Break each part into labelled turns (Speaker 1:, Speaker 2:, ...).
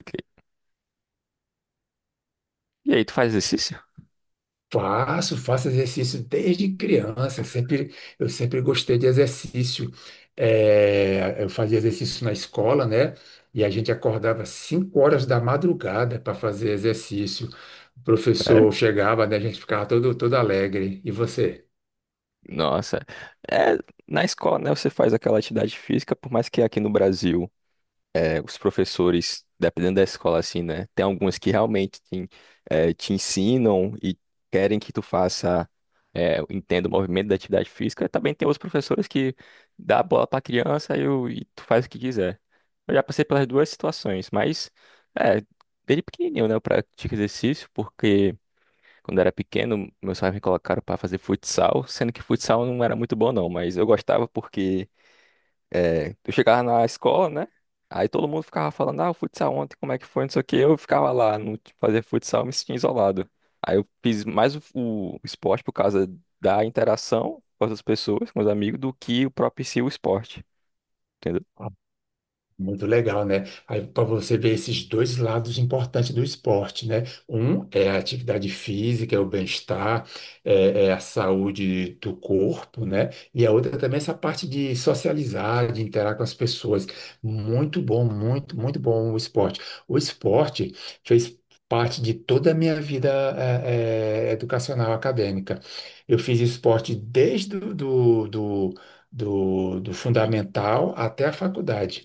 Speaker 1: Ok. E aí, tu faz exercício?
Speaker 2: Faço exercício desde criança. Eu sempre gostei de exercício. É, eu fazia exercício na escola, né? E a gente acordava 5 horas da madrugada para fazer exercício. O
Speaker 1: Sério?
Speaker 2: professor chegava, né? A gente ficava todo alegre. E você?
Speaker 1: Nossa. É, Na escola, né, você faz aquela atividade física, por mais que aqui no Brasil, os professores, dependendo da escola, assim, né, tem algumas que realmente te ensinam e querem que tu faça, entenda o movimento da atividade física. E também tem outros professores que dá a bola pra criança e e tu faz o que quiser. Eu já passei pelas duas situações, mas, é, desde pequenininho, né, eu pratico exercício porque. Quando eu era pequeno, meus pais me colocaram para fazer futsal, sendo que futsal não era muito bom não, mas eu gostava porque eu chegava na escola, né? Aí todo mundo ficava falando, ah, o futsal ontem, como é que foi, não sei o quê. Eu ficava lá, não fazia futsal, me sentia isolado. Aí eu fiz mais o esporte por causa da interação com as pessoas, com os amigos, do que o próprio em si o esporte, entendeu?
Speaker 2: Muito legal, né? Aí para você ver esses dois lados importantes do esporte, né? Um é a atividade física, é o bem-estar, é a saúde do corpo, né? E a outra também é essa parte de socializar, de interagir com as pessoas. Muito bom, muito bom o esporte. O esporte fez parte de toda a minha vida, educacional, acadêmica. Eu fiz esporte desde do, do do- do, do fundamental até a faculdade.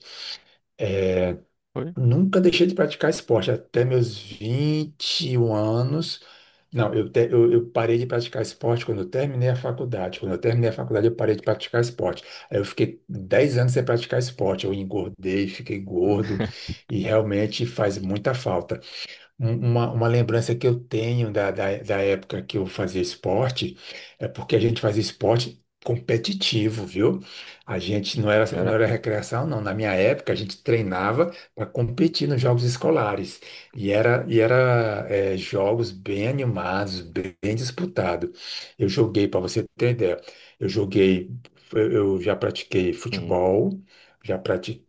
Speaker 1: Foi?
Speaker 2: Nunca deixei de praticar esporte até meus 21 anos. Não, eu, te- Eu parei de praticar esporte quando eu terminei a faculdade. Quando eu terminei a faculdade, eu parei de praticar esporte. Aí eu fiquei 10 anos sem praticar esporte. Eu engordei, fiquei gordo e realmente faz muita falta. Uma lembrança que eu tenho da época que eu fazia esporte é porque a gente fazia esporte competitivo, viu? A gente não
Speaker 1: Era?
Speaker 2: era recreação, não. Na minha época, a gente treinava para competir nos jogos escolares. Jogos bem animados, bem disputados. Para você ter ideia, eu joguei, eu já pratiquei
Speaker 1: Hum,
Speaker 2: futebol, já pratiquei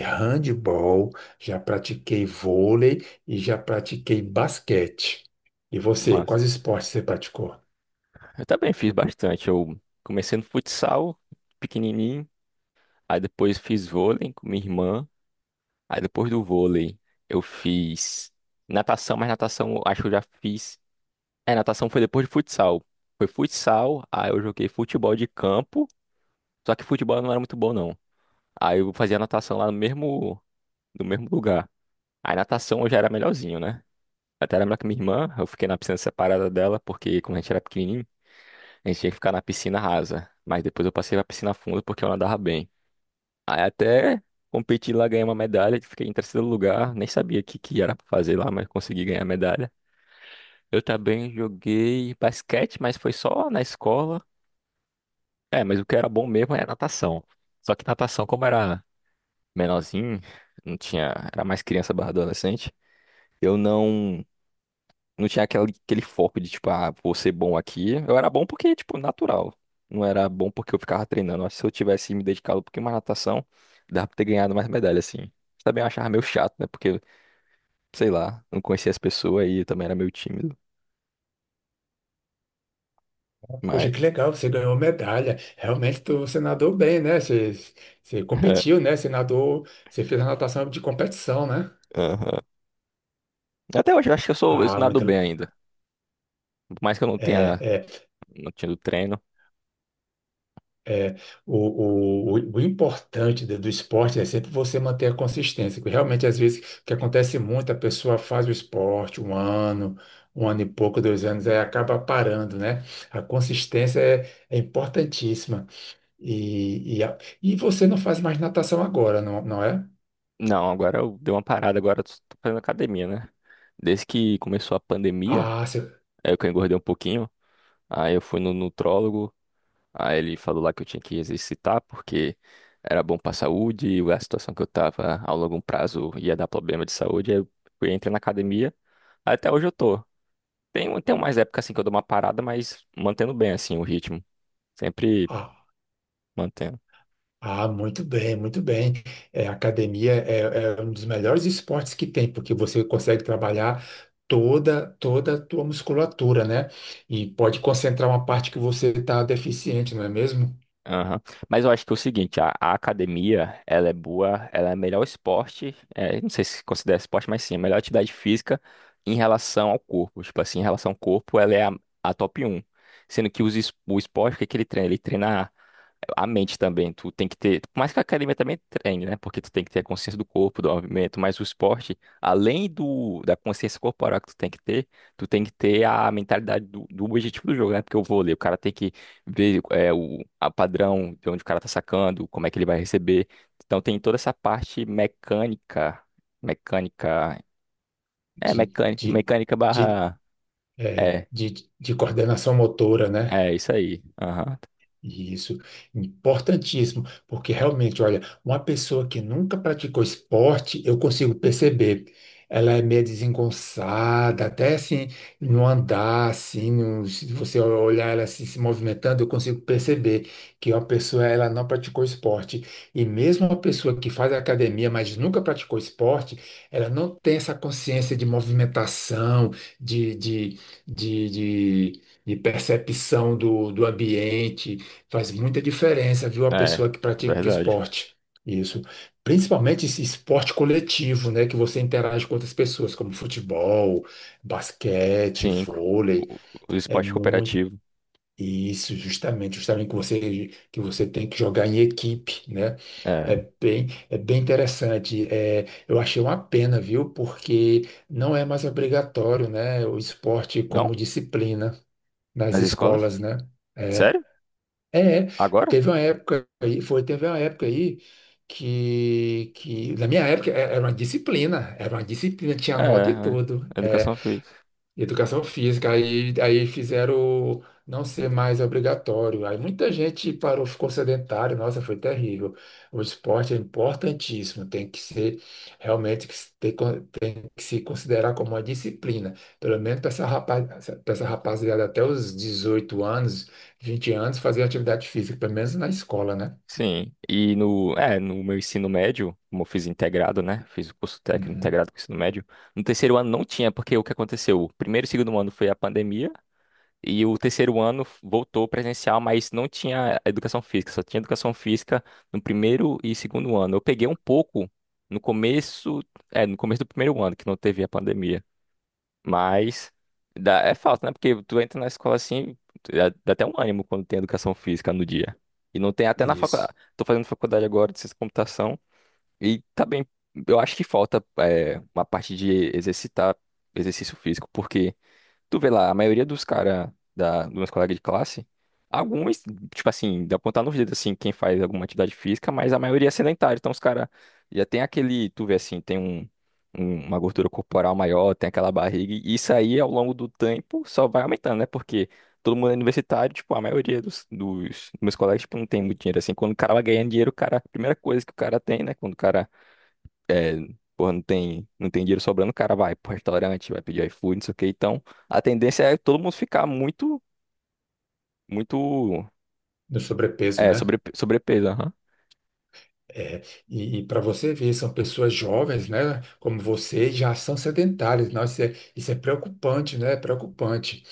Speaker 2: handball, já pratiquei vôlei e já pratiquei basquete. E você,
Speaker 1: massa.
Speaker 2: quais esportes você praticou?
Speaker 1: Eu também fiz bastante. Eu comecei no futsal, pequenininho. Aí depois fiz vôlei com minha irmã. Aí depois do vôlei eu fiz natação, mas natação eu acho que eu já fiz. É, natação foi depois de futsal. Foi futsal, aí eu joguei futebol de campo. Só que futebol eu não era muito bom, não. Aí eu fazia natação lá no mesmo, no mesmo lugar. Aí natação eu já era melhorzinho, né? Até era melhor que minha irmã, eu fiquei na piscina separada dela, porque quando a gente era pequenininho, a gente tinha que ficar na piscina rasa. Mas depois eu passei pra piscina funda porque eu nadava bem. Aí até competi lá, ganhei uma medalha, fiquei em terceiro lugar, nem sabia o que era pra fazer lá, mas consegui ganhar a medalha. Eu também joguei basquete, mas foi só na escola. É, mas o que era bom mesmo era natação. Só que natação, como era menorzinho, não tinha, era mais criança barra adolescente, eu não. Não tinha aquele foco de, tipo, ah, vou ser bom aqui. Eu era bom porque, tipo, natural. Não era bom porque eu ficava treinando. Acho que se eu tivesse me dedicado um pouquinho mais à natação, dava pra ter ganhado mais medalha, assim. Também eu achava meio chato, né? Porque, sei lá, não conhecia as pessoas e eu também era meio tímido. Mas,
Speaker 2: Poxa, que legal, você ganhou medalha. Realmente você nadou bem, né? Você competiu, né? Você nadou, você fez a natação de competição, né?
Speaker 1: aham. Até hoje eu acho que eu sou, eu
Speaker 2: Ah,
Speaker 1: nado
Speaker 2: muito,
Speaker 1: bem ainda. Por mais que eu não
Speaker 2: é,
Speaker 1: tenha,
Speaker 2: é,
Speaker 1: não tinha do treino.
Speaker 2: é, o importante do esporte é sempre você manter a consistência, porque realmente às vezes o que acontece muito, a pessoa faz o esporte um ano e pouco, dois anos, aí acaba parando, né? A consistência é, é importantíssima. E, e, a- e você não faz mais natação agora, não, não é?
Speaker 1: Não, agora eu dei uma parada, agora eu tô fazendo academia, né? Desde que começou a pandemia,
Speaker 2: Ah, você-
Speaker 1: aí eu que engordei um pouquinho. Aí eu fui no nutrólogo. Aí ele falou lá que eu tinha que exercitar porque era bom pra saúde e a situação que eu tava a longo prazo ia dar problema de saúde. Aí eu fui, entrei na academia. Até hoje eu tô. Tem umas épocas assim que eu dou uma parada, mas mantendo bem assim o ritmo. Sempre
Speaker 2: ah,
Speaker 1: mantendo.
Speaker 2: ah, muito bem, muito bem. É, academia é um dos melhores esportes que tem, porque você consegue trabalhar toda a tua musculatura, né? E pode concentrar uma parte que você está deficiente, não é mesmo?
Speaker 1: Aham. Mas eu acho que é o seguinte, a academia, ela é boa, ela é melhor esporte, é, não sei se considera esporte, mas sim, a melhor atividade física em relação ao corpo. Tipo assim, em relação ao corpo, ela é a top um. Sendo que o esporte, o que que ele treina? Ele treina a mente também, tu tem que ter, por mais que a academia também treine, né? Porque tu tem que ter a consciência do corpo, do movimento, mas o esporte, além do da consciência corporal que tu tem que ter, tu tem que ter a mentalidade do objetivo do jogo, né? Porque o vôlei, o cara tem que ver é, o a padrão de onde o cara tá sacando, como é que ele vai receber. Então tem toda essa parte mecânica,
Speaker 2: De, de,
Speaker 1: mecânica
Speaker 2: de,
Speaker 1: barra,
Speaker 2: é,
Speaker 1: é,
Speaker 2: de, de coordenação motora, né?
Speaker 1: é isso aí. Aham.
Speaker 2: Isso, importantíssimo, porque realmente, olha, uma pessoa que nunca praticou esporte, eu consigo perceber, ela é meio desengonçada, até assim, no andar, assim, se você olhar ela assim, se movimentando, eu consigo perceber que uma pessoa, ela não praticou esporte. E mesmo uma pessoa que faz academia, mas nunca praticou esporte, ela não tem essa consciência de movimentação, de, de, de de- de percepção do ambiente. Faz muita diferença, viu, a
Speaker 1: É,
Speaker 2: pessoa que pratica
Speaker 1: verdade.
Speaker 2: esporte. Isso. Principalmente esse esporte coletivo, né, que você interage com outras pessoas, como futebol, basquete,
Speaker 1: Cinco.
Speaker 2: vôlei,
Speaker 1: O, o
Speaker 2: é
Speaker 1: esporte
Speaker 2: muito
Speaker 1: cooperativo.
Speaker 2: isso, justamente que você tem que jogar em equipe, né?
Speaker 1: É.
Speaker 2: É bem interessante. É, eu achei uma pena, viu? Porque não é mais obrigatório, né, o esporte
Speaker 1: Não?
Speaker 2: como disciplina nas
Speaker 1: Nas escolas?
Speaker 2: escolas, né? É.
Speaker 1: Sério?
Speaker 2: É, é.
Speaker 1: Agora?
Speaker 2: Teve uma época aí, teve uma época aí que na minha época era uma disciplina, tinha
Speaker 1: É,
Speaker 2: nota e tudo,
Speaker 1: é.
Speaker 2: é,
Speaker 1: Educação física.
Speaker 2: educação física, aí fizeram não ser mais obrigatório, aí muita gente parou, ficou sedentário, nossa, foi terrível. O esporte é importantíssimo, tem que ser, realmente, que se considerar como uma disciplina, pelo menos para essa rapaz, para essa rapaziada até os 18 anos, 20 anos, fazer atividade física, pelo menos na escola, né?
Speaker 1: Sim. E no meu ensino médio, como eu fiz integrado, né? Fiz o curso técnico
Speaker 2: Uhum.
Speaker 1: integrado com o ensino médio. No terceiro ano não tinha, porque o que aconteceu? O primeiro e segundo ano foi a pandemia, e o terceiro ano voltou presencial, mas não tinha educação física, só tinha educação física no primeiro e segundo ano. Eu peguei um pouco no começo, no começo do primeiro ano, que não teve a pandemia. Mas dá, é falta, né? Porque tu entra na escola assim, dá, dá até um ânimo quando tem educação física no dia. E não tem até na
Speaker 2: Isso.
Speaker 1: faculdade. Tô fazendo faculdade agora de ciência da computação e tá bem. Eu acho que falta é, uma parte de exercitar exercício físico, porque tu vê lá, a maioria dos caras, dos meus colegas de classe, alguns, tipo assim, dá pra contar nos dedos, assim, quem faz alguma atividade física, mas a maioria é sedentária. Então os caras já tem aquele, tu vê assim, tem uma gordura corporal maior, tem aquela barriga, e isso aí ao longo do tempo só vai aumentando, né? Porque todo mundo é universitário, tipo, a maioria dos meus colegas, tipo, não tem muito dinheiro, assim. Quando o cara vai ganhando dinheiro, o cara, a primeira coisa que o cara tem, né? Quando o cara é, porra, não tem dinheiro sobrando, o cara vai pro restaurante, vai pedir iFood, não sei o quê. Então, a tendência é todo mundo ficar muito, muito,
Speaker 2: No sobrepeso,
Speaker 1: é,
Speaker 2: né?
Speaker 1: sobre, sobrepeso, aham.
Speaker 2: É. E, para você ver, são pessoas jovens, né? Como você, já são sedentárias. Nossa, isso é preocupante, né? É preocupante.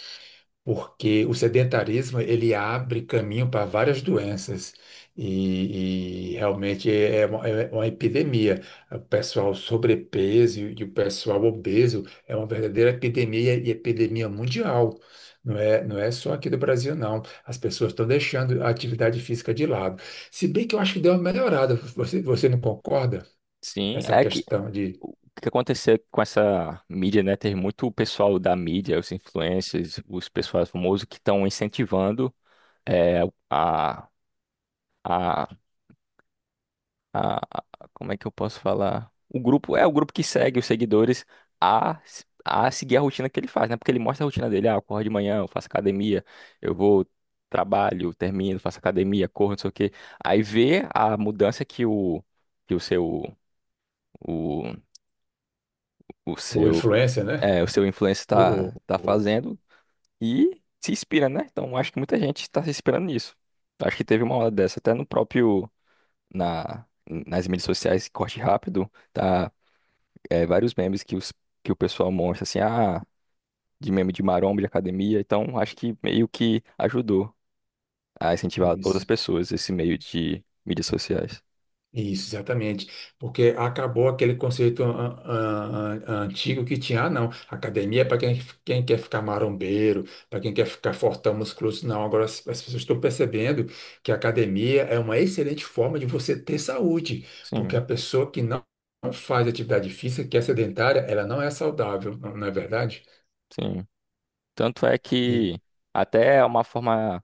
Speaker 2: Porque o sedentarismo ele abre caminho para várias doenças realmente é uma epidemia. O pessoal sobrepeso e o pessoal obeso é uma verdadeira epidemia e epidemia mundial. Não é só aqui do Brasil, não. As pessoas estão deixando a atividade física de lado. Se bem que eu acho que deu uma melhorada. Você não concorda?
Speaker 1: Sim,
Speaker 2: Essa
Speaker 1: é que
Speaker 2: questão de
Speaker 1: o que aconteceu com essa mídia, né? Tem muito pessoal da mídia, os influencers, os pessoal famosos que estão incentivando é, a, a a, a- como é que eu posso falar? O grupo é o grupo que segue os seguidores a seguir a rotina que ele faz, né? Porque ele mostra a rotina dele, ah, eu corro de manhã, eu faço academia, eu vou, trabalho, termino, faço academia, corro, não sei o quê. Aí vê a mudança que que o seu o, o
Speaker 2: ou
Speaker 1: seu
Speaker 2: influência, né?
Speaker 1: é, o seu influencer
Speaker 2: Ou,
Speaker 1: tá
Speaker 2: ou,
Speaker 1: fazendo e se inspira, né? Então acho que muita gente está se inspirando nisso. Acho que teve uma hora dessa, até no próprio nas mídias sociais, corte rápido, tá é, vários memes que, os, que o pessoal mostra, assim, ah, de meme de maromba, de academia. Então, acho que meio que ajudou a incentivar outras
Speaker 2: ou-
Speaker 1: pessoas esse meio de mídias sociais.
Speaker 2: Isso, exatamente. Porque acabou aquele conceito antigo que tinha, ah, não, academia é para quem quer ficar marombeiro, para quem quer ficar fortão, musculoso. Não, agora as pessoas estão percebendo que a academia é uma excelente forma de você ter saúde, porque a
Speaker 1: Sim,
Speaker 2: pessoa que não faz atividade física, que é sedentária, ela não é saudável, não, não é verdade?
Speaker 1: sim. Tanto é
Speaker 2: E,
Speaker 1: que até é uma forma,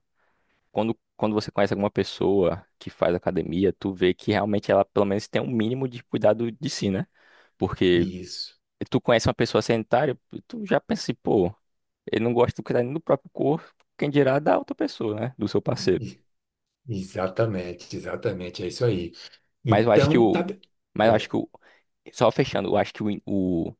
Speaker 1: quando você conhece alguma pessoa que faz academia, tu vê que realmente ela pelo menos tem um mínimo de cuidado de si, né? Porque
Speaker 2: isso,
Speaker 1: tu conhece uma pessoa sedentária, tu já pensa assim, pô, ele não gosta de cuidar nem do próprio corpo, quem dirá da outra pessoa, né? Do seu parceiro.
Speaker 2: E- Exatamente, exatamente, é isso aí.
Speaker 1: Mas eu acho que
Speaker 2: Então, tá
Speaker 1: o.
Speaker 2: bem.
Speaker 1: Mas eu acho que o. Só fechando, eu acho que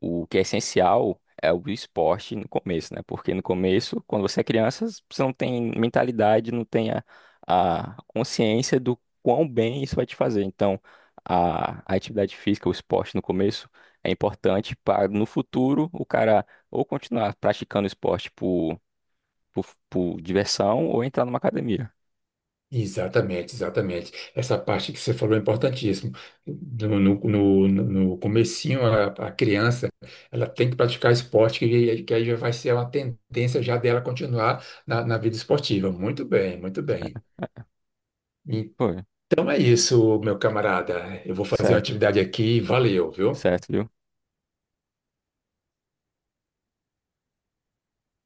Speaker 1: o que é essencial é o esporte no começo, né? Porque no começo, quando você é criança, você não tem mentalidade, não tem a consciência do quão bem isso vai te fazer. Então, a atividade física, o esporte no começo é importante para no futuro o cara ou continuar praticando esporte por diversão ou entrar numa academia.
Speaker 2: Exatamente, exatamente. Essa parte que você falou é importantíssimo. No, no, no comecinho, a criança, ela tem que praticar esporte, que aí já vai ser uma tendência já dela continuar na vida esportiva. Muito bem, muito bem.
Speaker 1: Né? Foi,
Speaker 2: Então é isso, meu camarada. Eu vou fazer uma
Speaker 1: certo,
Speaker 2: atividade aqui. Valeu, viu?
Speaker 1: certo, viu?